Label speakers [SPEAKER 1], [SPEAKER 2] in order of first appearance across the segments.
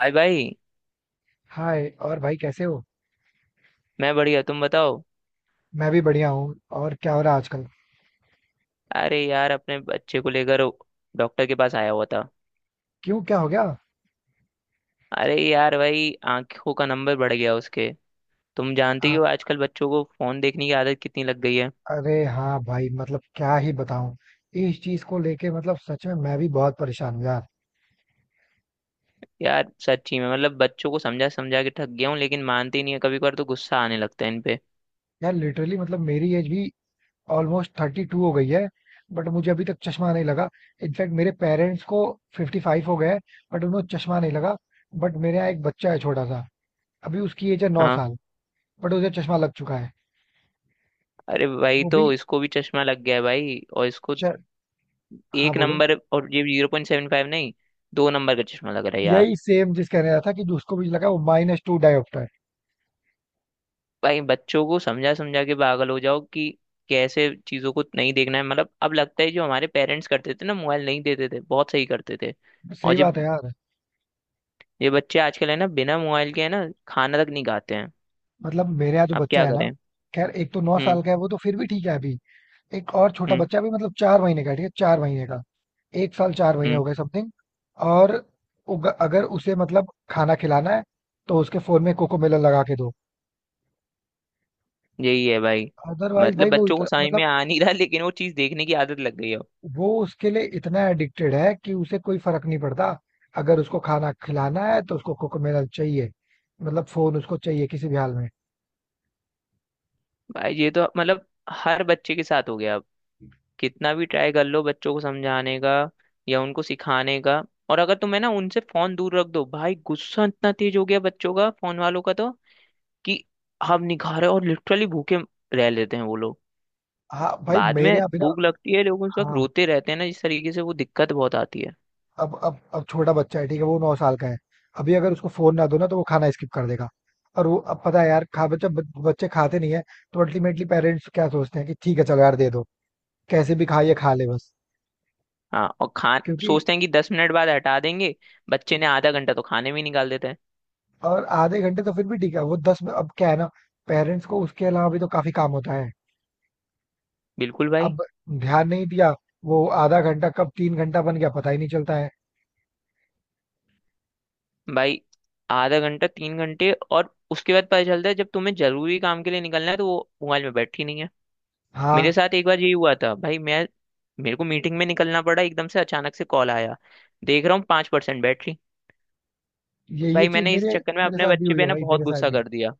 [SPEAKER 1] भाई भाई।
[SPEAKER 2] हाय और भाई कैसे हो।
[SPEAKER 1] मैं बढ़िया, तुम बताओ।
[SPEAKER 2] मैं भी बढ़िया हूँ। और क्या हो रहा है आजकल।
[SPEAKER 1] अरे यार, अपने बच्चे को लेकर डॉक्टर के पास आया हुआ था।
[SPEAKER 2] क्यों, क्या हो गया।
[SPEAKER 1] अरे यार भाई, आंखों का नंबर बढ़ गया उसके। तुम जानते ही
[SPEAKER 2] आ,
[SPEAKER 1] हो, आजकल बच्चों को फोन देखने की आदत कितनी लग गई है।
[SPEAKER 2] अरे हाँ भाई, मतलब क्या ही बताऊँ। इस चीज को लेके मतलब सच में मैं भी बहुत परेशान हूँ यार।
[SPEAKER 1] यार सच्ची में मतलब बच्चों को समझा समझा के थक गया हूँ, लेकिन मानते ही नहीं है। कभी कभार तो गुस्सा आने लगता है इन पे।
[SPEAKER 2] यार, लिटरली मतलब मेरी एज भी ऑलमोस्ट 32 हो गई है। बट मुझे अभी तक चश्मा नहीं लगा। इनफैक्ट मेरे पेरेंट्स को 55 हो गए हैं, बट उन्हें चश्मा नहीं लगा। बट मेरे यहाँ एक बच्चा है छोटा सा, अभी उसकी एज है नौ
[SPEAKER 1] हाँ।
[SPEAKER 2] साल बट उसे चश्मा लग चुका है।
[SPEAKER 1] अरे भाई,
[SPEAKER 2] वो
[SPEAKER 1] तो
[SPEAKER 2] भी
[SPEAKER 1] इसको भी चश्मा लग गया है भाई, और इसको
[SPEAKER 2] च... हाँ
[SPEAKER 1] एक
[SPEAKER 2] बोलो।
[SPEAKER 1] नंबर, और ये 0.75 नहीं, दो नंबर का चश्मा लग रहा है यार।
[SPEAKER 2] यही सेम जिस कह रहा था कि उसको भी लगा, वो -2 डायोप्टर।
[SPEAKER 1] भाई, बच्चों को समझा समझा के पागल हो जाओ कि कैसे चीजों को नहीं देखना है। मतलब अब लगता है जो हमारे पेरेंट्स करते थे ना, मोबाइल नहीं देते थे, बहुत सही करते थे।
[SPEAKER 2] है।
[SPEAKER 1] और
[SPEAKER 2] सही बात
[SPEAKER 1] जब
[SPEAKER 2] है यार।
[SPEAKER 1] ये बच्चे आजकल है ना, बिना मोबाइल के है ना, खाना तक नहीं खाते हैं।
[SPEAKER 2] मतलब मेरे यहाँ जो
[SPEAKER 1] अब
[SPEAKER 2] बच्चा
[SPEAKER 1] क्या
[SPEAKER 2] है ना,
[SPEAKER 1] करें।
[SPEAKER 2] खैर एक तो नौ
[SPEAKER 1] हम्म।
[SPEAKER 2] साल का है, वो तो फिर भी ठीक है अभी। एक और छोटा
[SPEAKER 1] हम्म।
[SPEAKER 2] बच्चा भी मतलब 4 महीने का है, ठीक है, 4 महीने का। 1 साल 4 महीने
[SPEAKER 1] हम्म।
[SPEAKER 2] हो गए समथिंग। और अगर उसे मतलब खाना खिलाना है, तो उसके फोन में कोको मेलन लगा के दो।
[SPEAKER 1] यही है भाई।
[SPEAKER 2] अदरवाइज
[SPEAKER 1] मतलब
[SPEAKER 2] भाई वो
[SPEAKER 1] बच्चों को
[SPEAKER 2] इतना
[SPEAKER 1] समझ
[SPEAKER 2] मतलब,
[SPEAKER 1] में आ नहीं रहा, लेकिन वो चीज देखने की आदत लग गई है।
[SPEAKER 2] वो उसके लिए इतना एडिक्टेड है कि उसे कोई फर्क नहीं पड़ता। अगर उसको खाना खिलाना है तो उसको कोको मेलन चाहिए। मतलब फोन उसको चाहिए किसी भी हाल में।
[SPEAKER 1] भाई ये तो मतलब हर बच्चे के साथ हो गया। कितना भी ट्राई कर लो बच्चों को समझाने का या उनको सिखाने का। और अगर तुम्हें ना उनसे फोन दूर रख दो भाई, गुस्सा इतना तेज हो गया बच्चों का, फोन वालों का तो। कि हम नहीं खा रहे, और लिटरली भूखे रह लेते हैं वो लोग।
[SPEAKER 2] हाँ भाई,
[SPEAKER 1] बाद
[SPEAKER 2] मेरे
[SPEAKER 1] में
[SPEAKER 2] यहाँ भी ना।
[SPEAKER 1] भूख लगती है, लेकिन उस वक्त
[SPEAKER 2] हाँ।
[SPEAKER 1] रोते रहते हैं ना, इस तरीके से वो दिक्कत बहुत आती है।
[SPEAKER 2] अब छोटा बच्चा है, ठीक है, वो 9 साल का है। अभी अगर उसको फोन ना दो ना तो वो खाना स्किप कर देगा। और वो, अब पता है यार, खा बच्चा बच्चे खाते नहीं है। तो अल्टीमेटली पेरेंट्स क्या सोचते हैं कि ठीक है, चलो यार दे दो, कैसे भी खा, ये खा ले बस।
[SPEAKER 1] हाँ और खा
[SPEAKER 2] क्योंकि
[SPEAKER 1] सोचते हैं कि 10 मिनट बाद हटा देंगे। बच्चे ने आधा घंटा तो खाने में ही निकाल देते हैं।
[SPEAKER 2] और आधे घंटे तो फिर भी ठीक है, वो दस में अब क्या है ना, पेरेंट्स को उसके अलावा भी तो काफी काम होता है।
[SPEAKER 1] बिल्कुल भाई।
[SPEAKER 2] अब ध्यान नहीं दिया, वो आधा घंटा कब तीन घंटा बन गया पता ही नहीं चलता है।
[SPEAKER 1] भाई, आधा घंटा, तीन घंटे, और उसके बाद पता चलता है जब तुम्हें जरूरी काम के लिए निकलना है, तो वो मोबाइल में बैठी नहीं है। मेरे
[SPEAKER 2] हाँ,
[SPEAKER 1] साथ एक बार यही हुआ था भाई मैं मेरे को मीटिंग में निकलना पड़ा एकदम से, अचानक से कॉल आया। देख रहा हूँ 5% बैटरी।
[SPEAKER 2] ये
[SPEAKER 1] भाई
[SPEAKER 2] चीज
[SPEAKER 1] मैंने इस
[SPEAKER 2] मेरे
[SPEAKER 1] चक्कर में
[SPEAKER 2] मेरे
[SPEAKER 1] अपने
[SPEAKER 2] साथ भी
[SPEAKER 1] बच्चे
[SPEAKER 2] हुई है
[SPEAKER 1] पे ना
[SPEAKER 2] भाई,
[SPEAKER 1] बहुत
[SPEAKER 2] मेरे साथ
[SPEAKER 1] गुस्सा
[SPEAKER 2] भी।
[SPEAKER 1] कर दिया।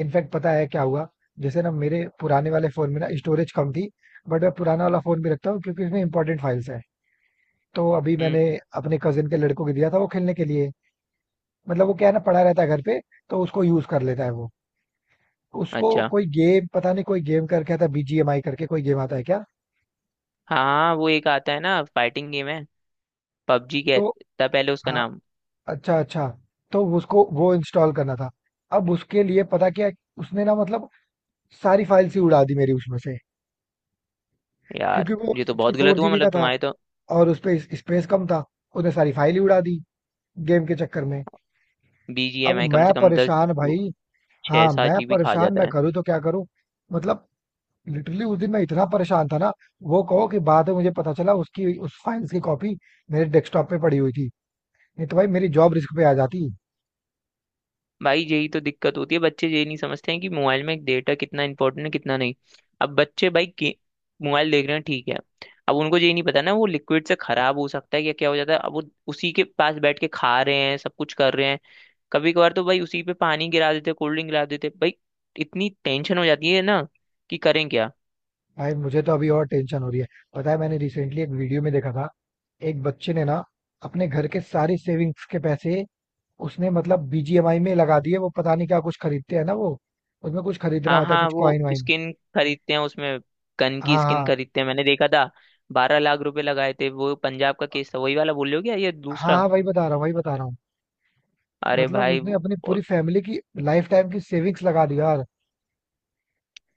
[SPEAKER 2] इनफैक्ट पता है क्या हुआ, जैसे ना मेरे पुराने वाले फोन में ना स्टोरेज कम थी। बट मैं पुराना वाला फोन भी रखता हूँ क्योंकि उसमें इंपॉर्टेंट फाइल्स है। तो अभी
[SPEAKER 1] हम्म।
[SPEAKER 2] मैंने अपने कजिन के लड़कों को दिया था वो खेलने के लिए। मतलब वो क्या है ना, पड़ा रहता है घर पे, तो उसको यूज कर लेता है वो। उसको
[SPEAKER 1] अच्छा,
[SPEAKER 2] कोई गेम पता नहीं, कोई गेम करके आता है, बीजीएमआई करके कोई गेम आता है क्या।
[SPEAKER 1] हाँ वो एक आता है ना, फाइटिंग गेम है। पबजी
[SPEAKER 2] तो
[SPEAKER 1] कहता पहले उसका
[SPEAKER 2] हाँ,
[SPEAKER 1] नाम।
[SPEAKER 2] अच्छा अच्छा, तो उसको वो इंस्टॉल करना था। अब उसके लिए पता क्या, उसने ना मतलब सारी फाइल्स ही उड़ा दी मेरी उसमें से।
[SPEAKER 1] यार
[SPEAKER 2] क्योंकि वो
[SPEAKER 1] ये तो
[SPEAKER 2] सिक्सटी
[SPEAKER 1] बहुत
[SPEAKER 2] फोर
[SPEAKER 1] गलत हुआ,
[SPEAKER 2] जीबी
[SPEAKER 1] मतलब
[SPEAKER 2] का था
[SPEAKER 1] तुम्हारे तो।
[SPEAKER 2] और उसपे स्पेस कम था। उसने सारी फाइल ही उड़ा दी गेम के चक्कर में। अब
[SPEAKER 1] BGMI कम
[SPEAKER 2] मैं
[SPEAKER 1] से कम दस
[SPEAKER 2] परेशान भाई।
[SPEAKER 1] छः
[SPEAKER 2] हाँ
[SPEAKER 1] सात
[SPEAKER 2] मैं
[SPEAKER 1] जीबी खा
[SPEAKER 2] परेशान, मैं
[SPEAKER 1] जाता है।
[SPEAKER 2] करूँ तो क्या करूँ। मतलब लिटरली उस दिन मैं इतना परेशान था ना, वो कहो कि बाद में मुझे पता चला उसकी उस फाइल्स की कॉपी मेरे डेस्कटॉप पे पड़ी हुई थी, नहीं तो भाई मेरी जॉब रिस्क पे आ जाती।
[SPEAKER 1] भाई यही तो दिक्कत होती है, बच्चे ये नहीं समझते हैं कि मोबाइल में डेटा कितना इंपॉर्टेंट है कितना नहीं। अब बच्चे भाई के मोबाइल देख रहे हैं, ठीक है। अब उनको ये नहीं पता ना, वो लिक्विड से खराब हो सकता है या क्या हो जाता है। अब वो उसी के पास बैठ के खा रहे हैं, सब कुछ कर रहे हैं। कभी कभार तो भाई उसी पे पानी गिरा देते, कोल्ड ड्रिंक गिरा देते भाई। इतनी टेंशन हो जाती है ना, कि करें क्या।
[SPEAKER 2] भाई मुझे तो अभी और टेंशन हो रही है। पता है, मैंने रिसेंटली एक वीडियो में देखा था, एक बच्चे ने ना अपने घर के सारे सेविंग्स के पैसे उसने मतलब बीजीएमआई में लगा दिए। वो पता नहीं क्या कुछ खरीदते हैं ना वो, उसमें कुछ खरीदना
[SPEAKER 1] हाँ
[SPEAKER 2] होता है,
[SPEAKER 1] हाँ,
[SPEAKER 2] कुछ
[SPEAKER 1] वो
[SPEAKER 2] कॉइन वाइन।
[SPEAKER 1] स्किन खरीदते हैं उसमें। गन
[SPEAKER 2] हाँ
[SPEAKER 1] की स्किन
[SPEAKER 2] हाँ।
[SPEAKER 1] खरीदते हैं, मैंने देखा था। 12 लाख रुपए लगाए थे, वो पंजाब का केस था वही वाला बोल रहे हो क्या, ये
[SPEAKER 2] हाँ
[SPEAKER 1] दूसरा।
[SPEAKER 2] हाँ, वही बता रहा हूँ, वही बता रहा हूँ।
[SPEAKER 1] अरे
[SPEAKER 2] मतलब
[SPEAKER 1] भाई।
[SPEAKER 2] उसने अपनी पूरी फैमिली की लाइफ टाइम की सेविंग्स लगा दी यार।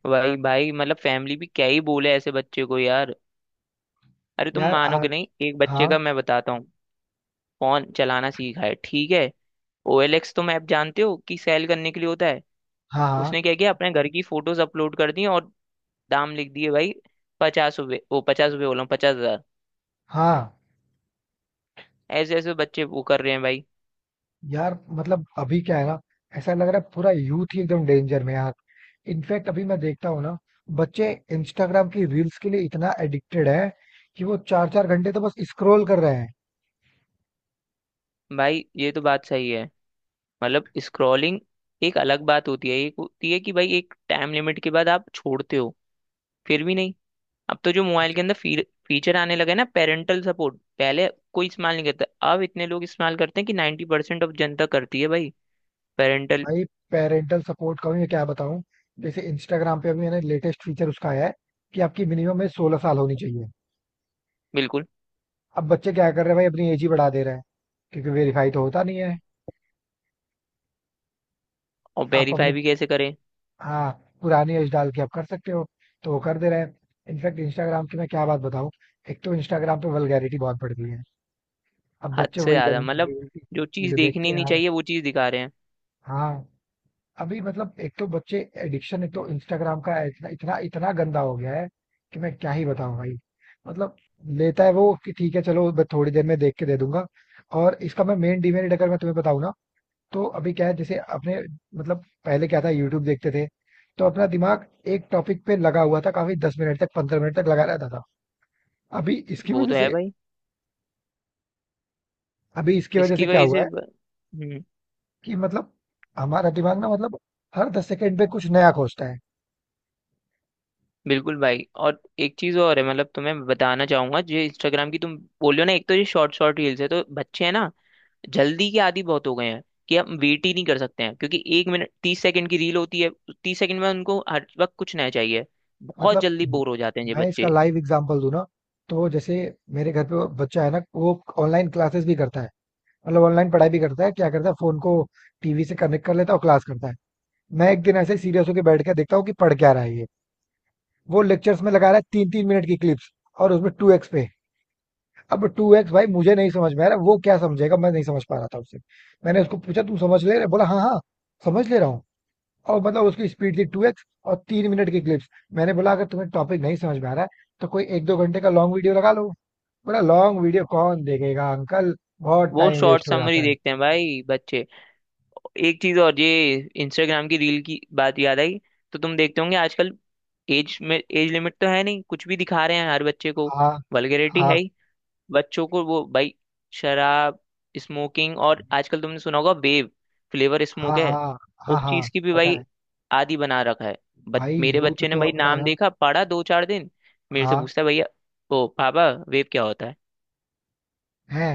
[SPEAKER 1] भाई भाई, मतलब फैमिली भी क्या ही बोले ऐसे बच्चे को यार। अरे तुम
[SPEAKER 2] यार
[SPEAKER 1] मानोगे
[SPEAKER 2] आज।
[SPEAKER 1] नहीं, एक बच्चे
[SPEAKER 2] हाँ
[SPEAKER 1] का मैं बताता हूँ। फोन चलाना सीखा है, ठीक है। OLX, तुम ऐप जानते हो कि सेल करने के लिए होता है।
[SPEAKER 2] हाँ।
[SPEAKER 1] उसने
[SPEAKER 2] हाँ
[SPEAKER 1] क्या किया, अपने घर की फोटोज अपलोड कर दी, और दाम लिख दिए भाई। 50 रुपये, वो 50 रुपये बोला हूँ, 50 हज़ार।
[SPEAKER 2] हाँ।
[SPEAKER 1] ऐसे ऐसे बच्चे वो कर रहे हैं भाई।
[SPEAKER 2] यार मतलब अभी क्या है ना, ऐसा लग रहा है पूरा यूथ ही एकदम डेंजर में है यार। इनफैक्ट अभी मैं देखता हूँ ना, बच्चे इंस्टाग्राम की रील्स के लिए इतना एडिक्टेड है कि वो 4-4 घंटे तो बस स्क्रॉल कर रहे हैं।
[SPEAKER 1] भाई ये तो बात सही है। मतलब स्क्रॉलिंग एक अलग बात होती है। एक होती है कि भाई एक टाइम लिमिट के बाद आप छोड़ते हो, फिर भी नहीं। अब तो जो मोबाइल के अंदर फीचर आने लगे ना, पेरेंटल सपोर्ट, पहले कोई इस्तेमाल नहीं करता, अब इतने लोग इस्तेमाल करते हैं कि 90% ऑफ जनता करती है भाई। पेरेंटल।
[SPEAKER 2] भाई पेरेंटल सपोर्ट का भी मैं क्या बताऊं। जैसे इंस्टाग्राम पे अभी मैंने लेटेस्ट फीचर उसका आया है कि आपकी मिनिमम में 16 साल होनी चाहिए।
[SPEAKER 1] बिल्कुल।
[SPEAKER 2] अब बच्चे क्या कर रहे हैं भाई, अपनी एज ही बढ़ा दे रहे हैं क्योंकि वेरीफाई तो होता नहीं है।
[SPEAKER 1] और
[SPEAKER 2] आप अपनी,
[SPEAKER 1] वेरीफाई भी कैसे करें।
[SPEAKER 2] हाँ, पुरानी एज डाल के आप कर सकते हो, तो वो कर दे रहे हैं। इनफैक्ट इंस्टाग्राम की मैं क्या बात बताऊं, एक तो इंस्टाग्राम पे वल्गैरिटी बहुत बढ़ गई है। अब
[SPEAKER 1] हद
[SPEAKER 2] बच्चे
[SPEAKER 1] से
[SPEAKER 2] वही
[SPEAKER 1] ज्यादा
[SPEAKER 2] गंदी
[SPEAKER 1] मतलब जो चीज
[SPEAKER 2] चीजें देखते
[SPEAKER 1] देखनी
[SPEAKER 2] हैं
[SPEAKER 1] नहीं
[SPEAKER 2] यार।
[SPEAKER 1] चाहिए, वो चीज दिखा रहे हैं।
[SPEAKER 2] हाँ। अभी मतलब एक तो बच्चे एडिक्शन, एक तो इंस्टाग्राम का इतना इतना इतना गंदा हो गया है कि मैं क्या ही बताऊं भाई। मतलब लेता है वो कि ठीक है, चलो मैं थोड़ी देर में देख के दे दूंगा। और इसका मैं मेन डिमेरिट अगर मैं तुम्हें बताऊं ना, तो अभी क्या है, जैसे अपने, मतलब पहले क्या था, यूट्यूब देखते थे, तो अपना दिमाग एक टॉपिक पे लगा हुआ था काफी, 10 मिनट तक, 15 मिनट तक लगा रहता था। अभी इसकी
[SPEAKER 1] वो
[SPEAKER 2] वजह
[SPEAKER 1] तो है
[SPEAKER 2] से,
[SPEAKER 1] भाई।
[SPEAKER 2] अभी इसकी वजह
[SPEAKER 1] इसकी
[SPEAKER 2] से क्या
[SPEAKER 1] वजह
[SPEAKER 2] हुआ
[SPEAKER 1] से
[SPEAKER 2] है
[SPEAKER 1] ब- हम्म।
[SPEAKER 2] कि मतलब हमारा दिमाग ना, मतलब हर 10 सेकंड पे कुछ नया खोजता है।
[SPEAKER 1] बिल्कुल भाई, और एक चीज और है मतलब तुम्हें बताना चाहूंगा, जो इंस्टाग्राम की तुम बोल रहे हो ना, एक तो ये शॉर्ट शॉर्ट रील्स है, तो बच्चे हैं ना जल्दी के आदी बहुत हो गए हैं, कि हम वेट ही नहीं कर सकते हैं। क्योंकि 1 मिनट 30 सेकंड की रील होती है, 30 सेकंड में उनको हर वक्त कुछ नया चाहिए। बहुत
[SPEAKER 2] मतलब
[SPEAKER 1] जल्दी
[SPEAKER 2] म-
[SPEAKER 1] बोर हो जाते हैं ये
[SPEAKER 2] मैं इसका
[SPEAKER 1] बच्चे।
[SPEAKER 2] लाइव एग्जांपल दूं ना, तो जैसे मेरे घर पे वो बच्चा है ना, वो ऑनलाइन क्लासेस भी करता है, मतलब ऑनलाइन पढ़ाई भी करता है। क्या करता है, फोन को टीवी से कनेक्ट कर लेता है और क्लास करता है। मैं एक दिन ऐसे सीरियस होकर बैठ के देखता हूँ कि पढ़ क्या रहा है ये, वो लेक्चर्स में लगा रहा है 3-3 मिनट की क्लिप्स और उसमें 2x पे। अब 2x भाई मुझे नहीं समझ में आ रहा, वो क्या समझेगा, मैं नहीं समझ पा रहा था उससे। मैंने उसको पूछा, "तू समझ ले रहा है?" बोला, हाँ हाँ समझ ले रहा हूँ। और मतलब उसकी स्पीड थी 2x और 3 मिनट की क्लिप्स। मैंने बोला, अगर तुम्हें टॉपिक नहीं समझ में आ रहा है तो कोई 1-2 घंटे का लॉन्ग वीडियो लगा लो। बोला, लॉन्ग वीडियो कौन देखेगा अंकल, बहुत
[SPEAKER 1] वो
[SPEAKER 2] टाइम
[SPEAKER 1] शॉर्ट
[SPEAKER 2] वेस्ट हो
[SPEAKER 1] समरी
[SPEAKER 2] जाता है।
[SPEAKER 1] देखते हैं भाई बच्चे। एक चीज और, ये इंस्टाग्राम की रील की बात याद आई। तो तुम देखते होंगे आजकल, एज में एज लिमिट तो है नहीं, कुछ भी दिखा रहे हैं हर बच्चे को।
[SPEAKER 2] हाँ
[SPEAKER 1] वल्गैरिटी है
[SPEAKER 2] हाँ।
[SPEAKER 1] ही। बच्चों को वो भाई शराब, स्मोकिंग, और आजकल तुमने सुना होगा वेव, फ्लेवर स्मोक
[SPEAKER 2] हाँ
[SPEAKER 1] है।
[SPEAKER 2] हाँ। हाँ
[SPEAKER 1] उस चीज
[SPEAKER 2] हाँ।
[SPEAKER 1] की भी
[SPEAKER 2] पता
[SPEAKER 1] भाई
[SPEAKER 2] है
[SPEAKER 1] आदि बना रखा है। बट
[SPEAKER 2] भाई,
[SPEAKER 1] मेरे
[SPEAKER 2] यूथ
[SPEAKER 1] बच्चे ने
[SPEAKER 2] तो
[SPEAKER 1] भाई
[SPEAKER 2] अपना
[SPEAKER 1] नाम
[SPEAKER 2] ना,
[SPEAKER 1] देखा, पढ़ा दो चार दिन, मेरे से
[SPEAKER 2] हाँ,
[SPEAKER 1] पूछता है भैया, ओ पापा वेव क्या होता है।
[SPEAKER 2] है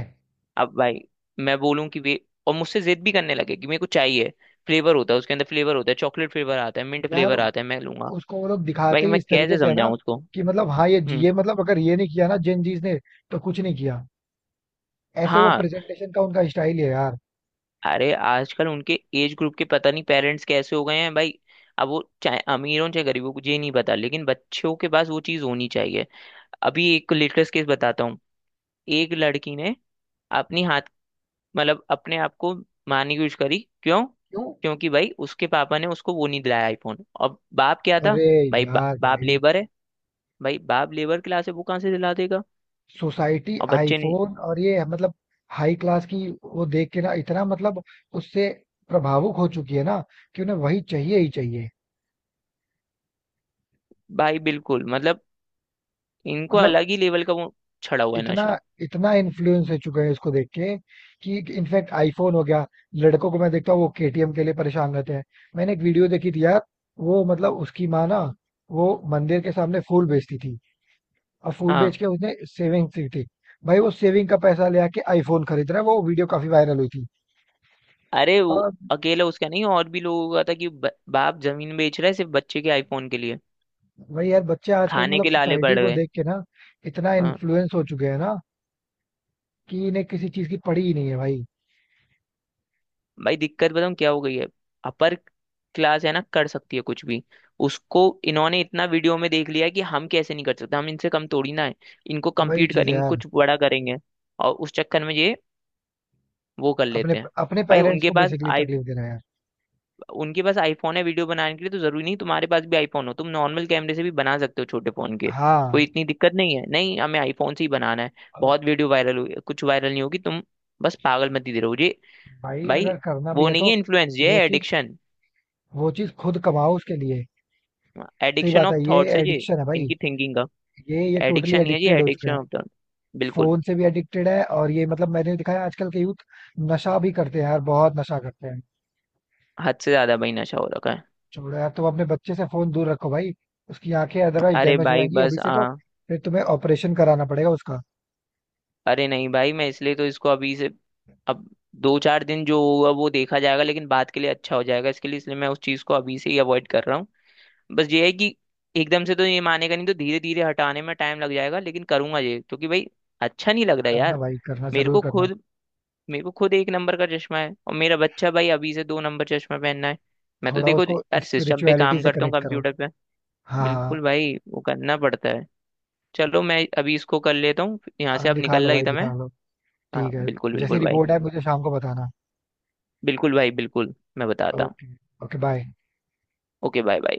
[SPEAKER 1] अब भाई, मैं बोलूं कि वे, और मुझसे जिद भी करने लगे कि मेरे को चाहिए, फ्लेवर होता है उसके अंदर, फ्लेवर होता है, चॉकलेट फ्लेवर आता है, मिंट
[SPEAKER 2] यार।
[SPEAKER 1] फ्लेवर आता है, मैं लूंगा।
[SPEAKER 2] उसको वो लोग दिखाते
[SPEAKER 1] भाई
[SPEAKER 2] ही
[SPEAKER 1] मैं
[SPEAKER 2] इस तरीके
[SPEAKER 1] कैसे
[SPEAKER 2] से है ना
[SPEAKER 1] समझाऊं उसको।
[SPEAKER 2] कि मतलब, हाँ,
[SPEAKER 1] हम्म।
[SPEAKER 2] ये मतलब अगर ये नहीं किया ना जेन जीज ने तो कुछ नहीं किया। ऐसे वो
[SPEAKER 1] हाँ।
[SPEAKER 2] प्रेजेंटेशन का उनका स्टाइल है यार।
[SPEAKER 1] अरे आजकल उनके एज ग्रुप के पता नहीं पेरेंट्स कैसे हो गए हैं भाई। अब वो चाहे अमीर हो चाहे गरीब हो, मुझे नहीं पता, लेकिन बच्चों के पास वो चीज होनी चाहिए। अभी एक लेटेस्ट केस बताता हूँ। एक लड़की ने अपनी हाथ, मतलब अपने आप को मारने की कोशिश करी। क्यों,
[SPEAKER 2] क्यों।
[SPEAKER 1] क्योंकि भाई उसके पापा ने उसको वो नहीं दिलाया, आईफोन। और बाप क्या था
[SPEAKER 2] अरे
[SPEAKER 1] भाई,
[SPEAKER 2] यार
[SPEAKER 1] बाप
[SPEAKER 2] भाई,
[SPEAKER 1] लेबर है। भाई बाप लेबर क्लास है, वो कहाँ से दिला देगा।
[SPEAKER 2] सोसाइटी
[SPEAKER 1] और बच्चे ने,
[SPEAKER 2] आईफोन और ये मतलब हाई क्लास की वो देख के ना इतना मतलब, उससे प्रभावुक हो चुकी है ना, कि उन्हें वही चाहिए ही चाहिए।
[SPEAKER 1] भाई बिल्कुल मतलब, इनको
[SPEAKER 2] मतलब
[SPEAKER 1] अलग ही लेवल का वो छड़ा हुआ है
[SPEAKER 2] इतना,
[SPEAKER 1] नशा।
[SPEAKER 2] इतना इन्फ्लुएंस हो चुके हैं इसको देख के, कि इनफैक्ट आईफोन हो गया। लड़कों को मैं देखता हूँ वो केटीएम के लिए परेशान रहते हैं। मैंने एक वीडियो देखी थी यार, वो मतलब उसकी माँ ना वो मंदिर के सामने फूल बेचती थी, और फूल बेच
[SPEAKER 1] हाँ।
[SPEAKER 2] के उसने सेविंग की थी। भाई वो सेविंग का पैसा ले आके आईफोन खरीद रहा है, वो वीडियो काफी वायरल हुई थी।
[SPEAKER 1] अरे वो
[SPEAKER 2] और
[SPEAKER 1] अकेला उसका नहीं, और भी लोगों का था कि बाप जमीन बेच रहा है सिर्फ बच्चे के आईफोन के लिए।
[SPEAKER 2] वही यार, बच्चे आजकल
[SPEAKER 1] खाने
[SPEAKER 2] मतलब
[SPEAKER 1] के लाले
[SPEAKER 2] सोसाइटी
[SPEAKER 1] पड़
[SPEAKER 2] को
[SPEAKER 1] गए।
[SPEAKER 2] देख के ना इतना
[SPEAKER 1] हाँ।
[SPEAKER 2] इन्फ्लुएंस हो चुके हैं ना, कि इन्हें किसी चीज की पड़ी ही नहीं है भाई।
[SPEAKER 1] भाई दिक्कत बताऊँ क्या हो गई है, अपर क्लास है ना, कर सकती है कुछ भी। उसको इन्होंने इतना वीडियो में देख लिया है कि हम कैसे नहीं कर सकते, हम इनसे कम थोड़ी ना है, इनको
[SPEAKER 2] वही
[SPEAKER 1] कम्पीट
[SPEAKER 2] चीज है
[SPEAKER 1] करेंगे,
[SPEAKER 2] यार।
[SPEAKER 1] कुछ बड़ा करेंगे। और उस चक्कर में ये वो कर
[SPEAKER 2] अपने
[SPEAKER 1] लेते हैं।
[SPEAKER 2] अपने
[SPEAKER 1] भाई
[SPEAKER 2] पेरेंट्स
[SPEAKER 1] उनके
[SPEAKER 2] को
[SPEAKER 1] पास,
[SPEAKER 2] बेसिकली तकलीफ दे रहे हैं यार।
[SPEAKER 1] आईफोन है वीडियो बनाने के लिए, तो जरूरी नहीं तुम्हारे पास भी आईफोन हो, तुम नॉर्मल कैमरे से भी बना सकते हो, छोटे फोन के। कोई
[SPEAKER 2] हाँ।
[SPEAKER 1] इतनी दिक्कत नहीं है, नहीं हमें आईफोन से ही बनाना है।
[SPEAKER 2] अब
[SPEAKER 1] बहुत वीडियो वायरल हुई, कुछ वायरल नहीं होगी तुम, बस पागल मत ही रहो ये।
[SPEAKER 2] भाई,
[SPEAKER 1] भाई
[SPEAKER 2] अगर करना भी
[SPEAKER 1] वो
[SPEAKER 2] है
[SPEAKER 1] नहीं
[SPEAKER 2] तो
[SPEAKER 1] है इन्फ्लुएंस, ये
[SPEAKER 2] वो
[SPEAKER 1] है
[SPEAKER 2] चीज,
[SPEAKER 1] एडिक्शन।
[SPEAKER 2] वो चीज खुद कमाओ उसके लिए। सही
[SPEAKER 1] एडिक्शन
[SPEAKER 2] बात
[SPEAKER 1] ऑफ
[SPEAKER 2] है, ये
[SPEAKER 1] थॉट्स है ये,
[SPEAKER 2] एडिक्शन है भाई।
[SPEAKER 1] इनकी थिंकिंग का।
[SPEAKER 2] ये टोटली
[SPEAKER 1] एडिक्शन नहीं है ये,
[SPEAKER 2] एडिक्टेड हो चुके
[SPEAKER 1] एडिक्शन
[SPEAKER 2] हैं।
[SPEAKER 1] Of thought. बिल्कुल।
[SPEAKER 2] फोन से भी एडिक्टेड है और ये मतलब मैंने दिखाया, आजकल के यूथ नशा भी करते हैं यार, बहुत नशा करते हैं।
[SPEAKER 1] हद से ज्यादा भाई नशा हो रखा है।
[SPEAKER 2] छोड़ो यार, तुम अपने बच्चे से फोन दूर रखो भाई, उसकी आंखें अदरवाइज
[SPEAKER 1] अरे
[SPEAKER 2] डैमेज हो
[SPEAKER 1] भाई
[SPEAKER 2] जाएंगी अभी
[SPEAKER 1] बस,
[SPEAKER 2] से तो।
[SPEAKER 1] हाँ।
[SPEAKER 2] फिर तुम्हें ऑपरेशन कराना पड़ेगा उसका।
[SPEAKER 1] अरे नहीं भाई मैं इसलिए तो इसको अभी से। अब दो चार दिन जो होगा वो देखा जाएगा, लेकिन बात के लिए अच्छा हो जाएगा इसके लिए, इसलिए मैं उस चीज़ को अभी से ही अवॉइड कर रहा हूँ। बस ये है कि एकदम से तो ये मानेगा नहीं, तो धीरे धीरे हटाने में टाइम लग जाएगा, लेकिन करूंगा ये क्योंकि भाई अच्छा नहीं लग रहा
[SPEAKER 2] करना
[SPEAKER 1] यार।
[SPEAKER 2] भाई, करना,
[SPEAKER 1] मेरे
[SPEAKER 2] जरूर
[SPEAKER 1] को
[SPEAKER 2] करना।
[SPEAKER 1] खुद मेरे को खुद एक नंबर का चश्मा है, और मेरा बच्चा भाई अभी से दो नंबर चश्मा पहनना है। मैं तो
[SPEAKER 2] थोड़ा
[SPEAKER 1] देखो
[SPEAKER 2] उसको
[SPEAKER 1] यार सिस्टम पे
[SPEAKER 2] स्पिरिचुअलिटी
[SPEAKER 1] काम
[SPEAKER 2] से
[SPEAKER 1] करता हूँ,
[SPEAKER 2] कनेक्ट करो।
[SPEAKER 1] कंप्यूटर पे।
[SPEAKER 2] हाँ
[SPEAKER 1] बिल्कुल भाई, वो करना पड़ता है। चलो मैं अभी इसको कर लेता हूँ, यहाँ
[SPEAKER 2] हाँ
[SPEAKER 1] से
[SPEAKER 2] हाँ,
[SPEAKER 1] अब
[SPEAKER 2] दिखा लो
[SPEAKER 1] निकल रही
[SPEAKER 2] भाई,
[SPEAKER 1] था मैं।
[SPEAKER 2] दिखा लो।
[SPEAKER 1] हाँ
[SPEAKER 2] ठीक है,
[SPEAKER 1] बिल्कुल
[SPEAKER 2] जैसी
[SPEAKER 1] बिल्कुल भाई।
[SPEAKER 2] रिपोर्ट है मुझे शाम को बताना।
[SPEAKER 1] बिल्कुल भाई बिल्कुल, मैं बताता हूँ।
[SPEAKER 2] Okay. Okay bye.
[SPEAKER 1] Okay, bye bye.